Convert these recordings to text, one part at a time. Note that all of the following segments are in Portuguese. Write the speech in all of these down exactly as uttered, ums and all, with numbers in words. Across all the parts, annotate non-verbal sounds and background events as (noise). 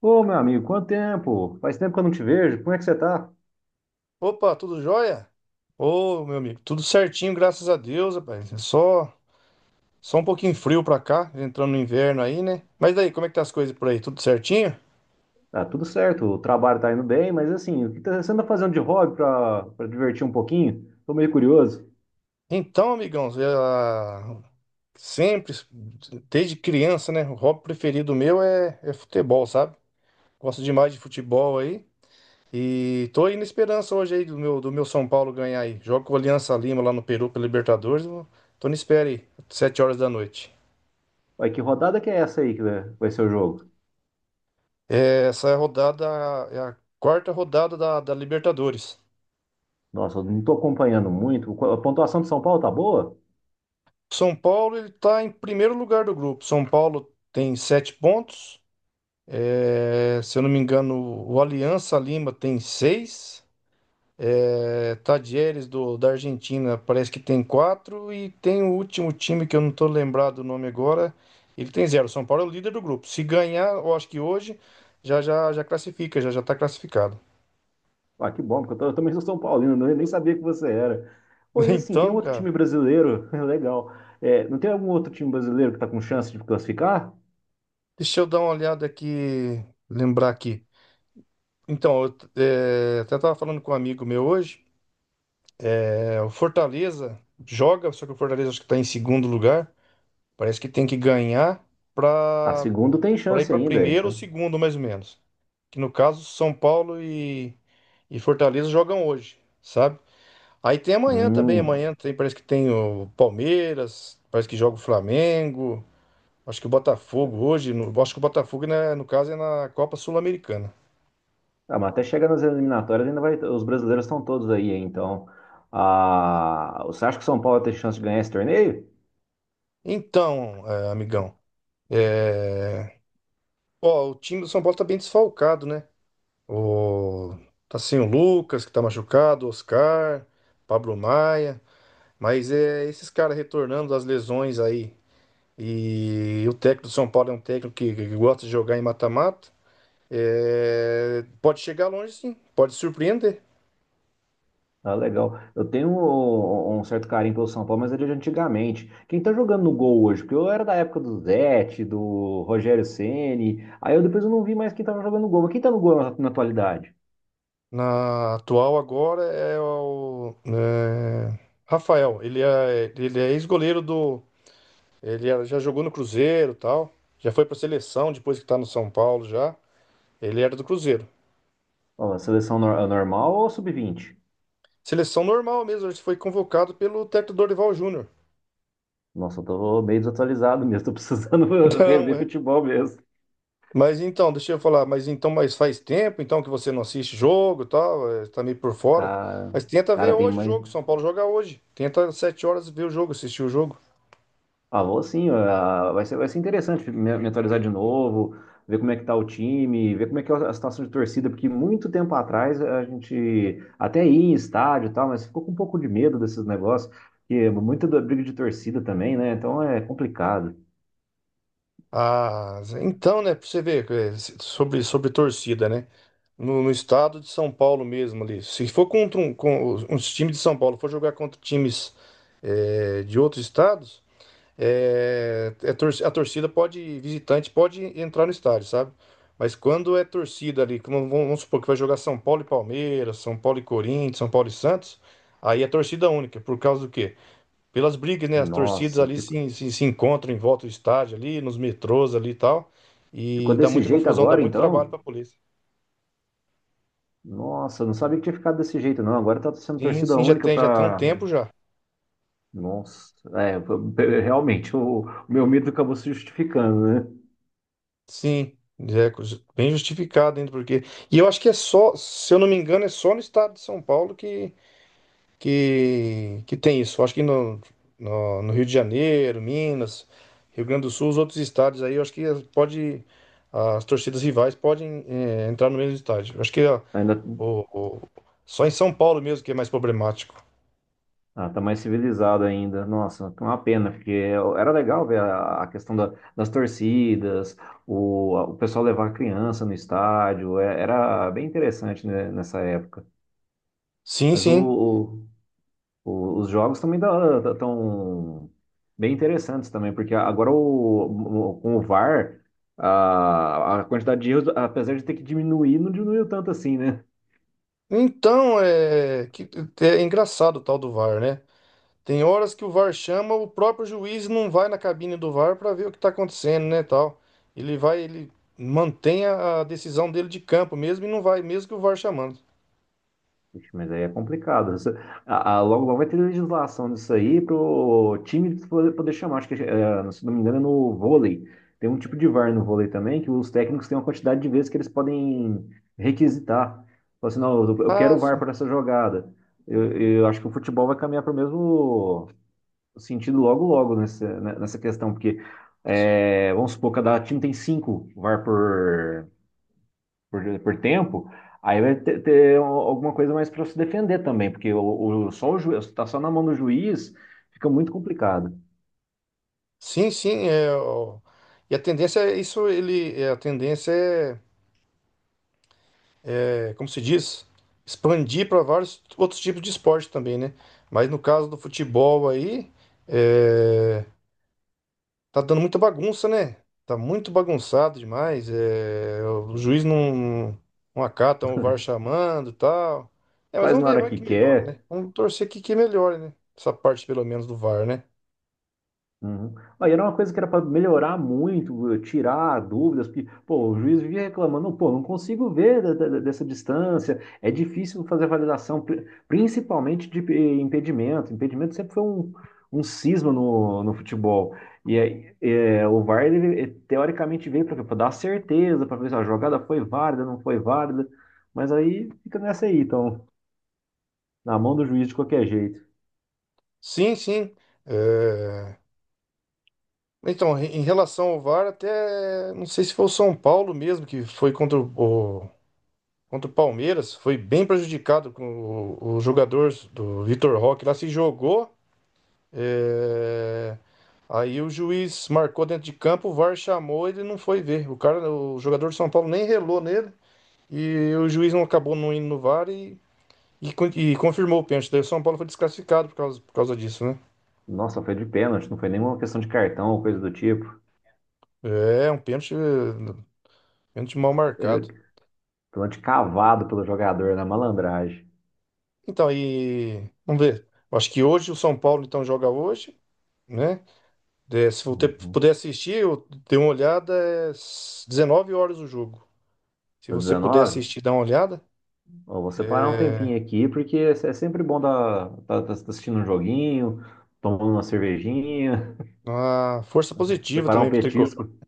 Ô, meu amigo, quanto tempo? Faz tempo que eu não te vejo. Como é que você tá? Opa, tudo jóia? Ô, meu amigo, tudo certinho, graças a Deus, rapaz. É Só, só um pouquinho frio pra cá, entrando no inverno aí, né? Mas daí, como é que tá as coisas por aí? Tudo certinho? Tá tudo certo, o trabalho tá indo bem, mas assim, o que tá- você anda fazendo de hobby pra, pra divertir um pouquinho? Tô meio curioso. Então, amigão, eu, ah, sempre, desde criança, né? O hobby preferido meu é, é futebol, sabe? Gosto demais de futebol aí. E tô aí na esperança hoje aí do meu, do meu São Paulo ganhar aí. Jogo com o Aliança Lima lá no Peru pela Libertadores. Eu Tô na espera aí, sete horas da noite. Vai, que rodada que é essa aí que vai vai ser o jogo? É, essa rodada é a quarta rodada da, da Libertadores. Nossa, eu não tô acompanhando muito. Qu- A pontuação de São Paulo tá boa? São Paulo ele está em primeiro lugar do grupo. São Paulo tem sete pontos. É, se eu não me engano, o Aliança Lima tem seis. É, Tadieres do, da Argentina parece que tem quatro. E tem o último time que eu não estou lembrado o nome agora. Ele tem zero. São Paulo é o líder do grupo. Se ganhar, eu acho que hoje já já, já classifica, já já está classificado. Ah, que bom, porque eu, tô- eu também sou São Paulino, né? Eu nem sabia que você era. Pô, (laughs) e assim, tem Então, outro cara. time brasileiro, (laughs) legal. É, não tem algum outro time brasileiro que tá com chance de classificar? Deixa eu dar uma olhada aqui, lembrar aqui. Então, eu é, até estava falando com um amigo meu hoje. É, o Fortaleza joga, só que o Fortaleza acho que está em segundo lugar. Parece que tem que ganhar A para segunda tem para ir chance para ainda, primeiro ou então. segundo, mais ou menos. Que no caso, São Paulo e, e Fortaleza jogam hoje, sabe? Aí tem amanhã também. Hum. Amanhã tem, parece que tem o Palmeiras, parece que joga o Flamengo. Acho que o Botafogo hoje. No- acho que o Botafogo, né, no caso, é na Copa Sul-Americana. Ah, mas até chegar nas eliminatórias, ainda vai. Os brasileiros estão todos aí, hein? Então. Ah, você acha que o São Paulo tem chance de ganhar esse torneio? Então, eh, amigão, eh, ó, o time do São Paulo tá bem desfalcado, né? O... Tá sem o Lucas, que tá machucado, Oscar, Pablo Maia, mas é esses caras retornando das lesões aí. E o técnico do São Paulo é um técnico que, que gosta de jogar em mata-mata. eh, Pode chegar longe, sim, pode surpreender. Ah, legal. Eu tenho um, um certo carinho pelo São Paulo, mas é de antigamente. Quem tá jogando no gol hoje? Porque eu era da época do Zete, do Rogério Ceni. Aí eu depois eu não vi mais quem tava jogando no gol. Mas quem tá no gol na, na atualidade? Na atual agora é o eh, Rafael, ele é, ele é ex-goleiro do. Ele era- já jogou no Cruzeiro, tal. Já foi pra seleção depois que tá no São Paulo já. Ele era do Cruzeiro. Ó, a seleção nor- normal ou sub vinte? Seleção normal mesmo, ele foi convocado pelo técnico Dorival Júnior. (laughs) Nossa, eu tô meio desatualizado (laughs) mesmo. Tô precisando (laughs) Então, rever é. futebol mesmo. Mas então, deixa eu falar, mas então, mas faz tempo então que você não assiste jogo, e tal, é, tá meio por fora. Cara, Mas tenta ver cara tem hoje o mais. jogo, São Paulo joga hoje. Tenta às sete horas ver o jogo, assistir o jogo. Ah, vou sim, ah, vai ser, vai ser interessante me, me atualizar de novo, ver como é que tá o time, ver como é que é a situação de torcida, porque muito tempo atrás a gente até ia em estádio e tal, mas ficou com um pouco de medo desses negócios, porque muita da briga de torcida também, né? Então é complicado. Ah, então, né, pra você ver, é, se- sobre, sobre torcida, né? No, no estado de São Paulo mesmo ali. Se for contra um, com, os os times de São Paulo, for jogar contra times é, de outros estados, é, é tor- a torcida pode, visitante pode entrar no estádio, sabe? Mas quando é torcida ali, como vamos vamos supor que vai jogar São Paulo e Palmeiras, São Paulo e Corinthians, São Paulo e Santos, aí é torcida única. Por causa do quê? Pelas brigas, né? As torcidas Nossa, ali fico- se, se, se encontram em volta do estádio ali, nos metrôs ali e tal. ficou E dá desse muita jeito confusão, dá agora muito trabalho então? pra polícia. Nossa, eu não sabia que tinha ficado desse jeito não, agora tá sendo Sim, torcida sim, já única tem, já tem um para... tempo já. Nossa, é, realmente, o, o meu medo acabou se justificando, né? Sim, é co- bem justificado ainda, porque. E eu acho que é só, se eu não me engano, é só no estado de São Paulo que, que, que tem isso. Eu acho que no, no, no Rio de Janeiro, Minas, Rio Grande do Sul, os outros estados aí, eu acho que pode. As torcidas rivais podem, eh, entrar no mesmo estádio. Eu acho que ó, Ainda O- o- só em São Paulo mesmo que é mais problemático. Ah, tá mais civilizado ainda. Nossa, que uma pena, porque era legal ver a, a questão da- das torcidas, o, o pessoal levar a criança no estádio, é- era bem interessante, né, nessa época. Sim, Mas o, sim. o- o- os jogos também estão bem interessantes também, porque agora o, o- com o V A R, a, R, a a quantidade de erros, apesar de ter que diminuir, não diminuiu tanto assim, né? Então, é, que, é engraçado o tal do VAR, né? Tem horas que o VAR chama, o próprio juiz não vai na cabine do VAR para ver o que tá acontecendo, né, tal. Ele vai, ele mantém a, a decisão dele de campo mesmo e não vai, mesmo que o VAR chamando. Ixi, mas aí é complicado. Isso- a- a- logo, logo vai ter legislação disso aí para o time poder, poder chamar. Acho que, eh, se não me engano, é no vôlei. Tem um tipo de V A R no vôlei também, que os técnicos têm uma quantidade de vezes que eles podem requisitar. Falar assim, não, eu eu quero Ah, o V A R sim. para essa jogada. Eu, eu acho que o futebol vai caminhar para o mesmo sentido logo, logo nessa, né, nessa questão, porque, eh, vamos supor, cada time tem cinco V A R por, por, por tempo, aí vai ter, ter alguma coisa mais para se defender também, porque o, o, só o juiz, tá só na mão do juiz, fica muito complicado. Sim, sim, é, ó, e a tendência é isso, ele, é, a tendência é é, como se diz, expandir para vários outros tipos de esporte também, né? Mas no caso do futebol aí, é, tá dando muita bagunça, né? Tá muito bagunçado demais. É, o juiz não, não acata o VAR chamando e tal. É, mas Faz vamos na ver, hora vai que que melhora, né? quer. Vamos torcer que, que melhore, né? Essa parte, pelo menos, do VAR, né? Uhum. Aí era uma coisa que era para melhorar muito, eh, tirar dúvidas, porque, pô, o juiz vivia reclamando, pô, não consigo ver da- da- dessa distância, é difícil fazer a validação, pri- principalmente de eh, impedimento. Impedimento sempre foi um, um cisma no, no futebol. E aí, eh, o V A R, ele, eh, teoricamente, veio para dar certeza, para ver se a jogada foi válida, não foi válida, mas aí fica nessa aí, então, na mão do juiz de qualquer jeito. Sim, sim. é, Então, em relação ao VAR, até não sei se foi o São Paulo mesmo que foi contra o, contra o Palmeiras, foi bem prejudicado com o, o jogador do Vitor Roque lá se jogou. é, Aí o juiz marcou dentro de campo, o VAR chamou, ele não foi ver. O cara, o jogador de São Paulo nem relou nele e o juiz não acabou não indo no VAR e, e, e confirmou o pênalti. Daí o São Paulo foi desclassificado por causa, por causa disso, né? Nossa, foi de pênalti, não foi nenhuma questão de cartão ou coisa do tipo. É, um pênalti, eh, pênalti mal marcado. Pênalti cavado pelo jogador na malandragem. Então, aí vamos ver. Acho que hoje o São Paulo então joga hoje, né? É, se você Uhum. puder assistir, eu dei uma olhada, é s- dezenove horas o jogo. Se Tá você puder dezenove? assistir, dá uma olhada. Ó, vou separar um É tempinho aqui, porque é sempre bom tá, tá, tá assistindo um joguinho, tomando uma cervejinha, uma força (laughs) positiva separar um também pro Tricolor. petisco. (laughs)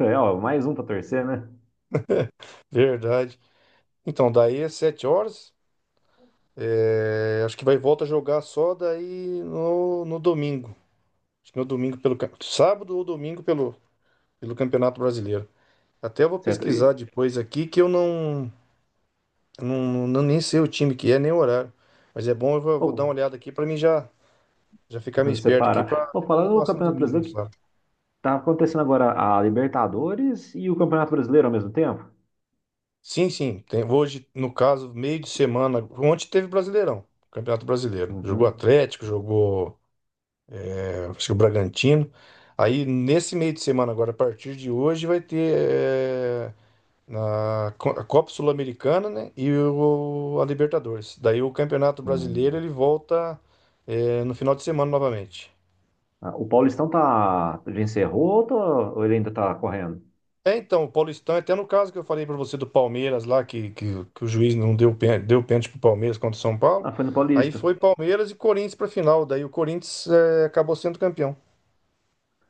É, ó, mais um pra torcer, né? Verdade. Então, daí é sete horas. É, acho que vai volta a jogar só daí no, no domingo. Acho que no domingo pelo cam- sábado ou domingo pelo, pelo Campeonato Brasileiro. Até eu vou Certo? pesquisar E, depois aqui que eu não, não, não nem sei o time que é, nem o horário. Mas é bom, eu vou, ó, vou dar uma olhada aqui para mim já já ficar meio (laughs) esperto aqui separar. pra Ó, ver o que eu falando do faço no Campeonato domingo, no Brasileiro, que sábado. tá acontecendo agora a Libertadores e o Campeonato Brasileiro ao mesmo tempo? Sim, sim. Tem, hoje, no caso, meio de semana. Ontem teve Brasileirão, Campeonato Brasileiro. Jogou Uhum. Atlético, jogou, é, acho que o Bragantino. Aí, nesse meio de semana, agora, a partir de hoje, vai ter é, na Co- a Copa Sul-Americana, né? E o, a Libertadores. Daí, o Campeonato Hum. Brasileiro ele volta é, no final de semana novamente. Ah, o Paulistão tá, já encerrou ou, tá- ou ele ainda tá correndo? É, então, o Paulistão, até no caso que eu falei pra você do Palmeiras lá, que, que, que o juiz não deu, pên- deu pênalti pro Palmeiras contra o São Paulo, Ah, foi no aí Paulista. foi Palmeiras e Corinthians pra final, daí o Corinthians é, acabou sendo campeão.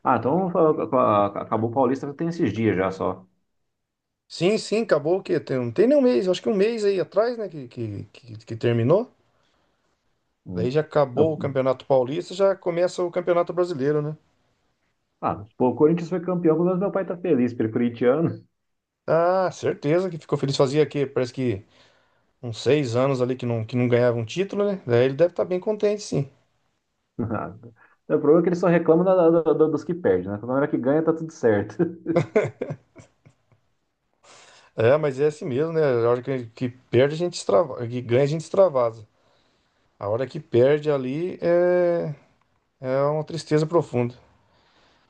Ah, então a- a- acabou o Paulista tem esses dias já só. Sim, sim, acabou o quê? Tem, não tem nem um mês, acho que um mês aí atrás, né, que, que, que, que terminou. Daí Hum. já acabou o Eu- Campeonato Paulista, já começa o Campeonato Brasileiro, né? ah, pô, o Corinthians foi campeão, pelo menos meu pai tá feliz, porque ele é corintiano. Ah, certeza que ficou feliz. Fazia que parece que uns seis anos ali que não, que não ganhava um título, né? Daí ele deve estar bem contente, sim. (laughs) O problema é que ele só reclama da- da- da- dos que perdem, né? Na hora que ganha tá tudo certo. (laughs) É, mas é assim mesmo, né? A hora que, que perde, a gente extravasa. Que ganha, a gente extravasa. A hora que perde ali é, é uma tristeza profunda.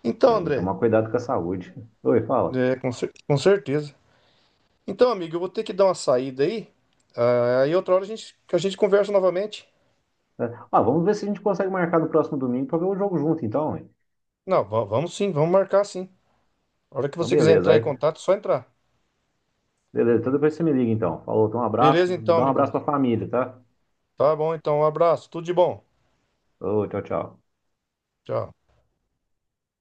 Então, Né, tem que André, tomar cuidado com a saúde. Oi, fala. é, com, cer- com certeza. Então, amigo, eu vou ter que dar uma saída aí. Ah, aí outra hora a gente, que a gente conversa novamente. É, ah, vamos ver se a gente consegue marcar no próximo domingo pra ver o jogo junto, então, hein? Não, va- vamos sim, vamos marcar sim. A hora que Então, você quiser beleza. entrar em aí- contato, é só entrar. Beleza, então depois você me liga, então. Falou, então um abraço, Beleza, então, dá um abraço amigão. pra família, tá? Tá bom, então, um abraço, tudo de bom. Ô, tchau, tchau. Tchau.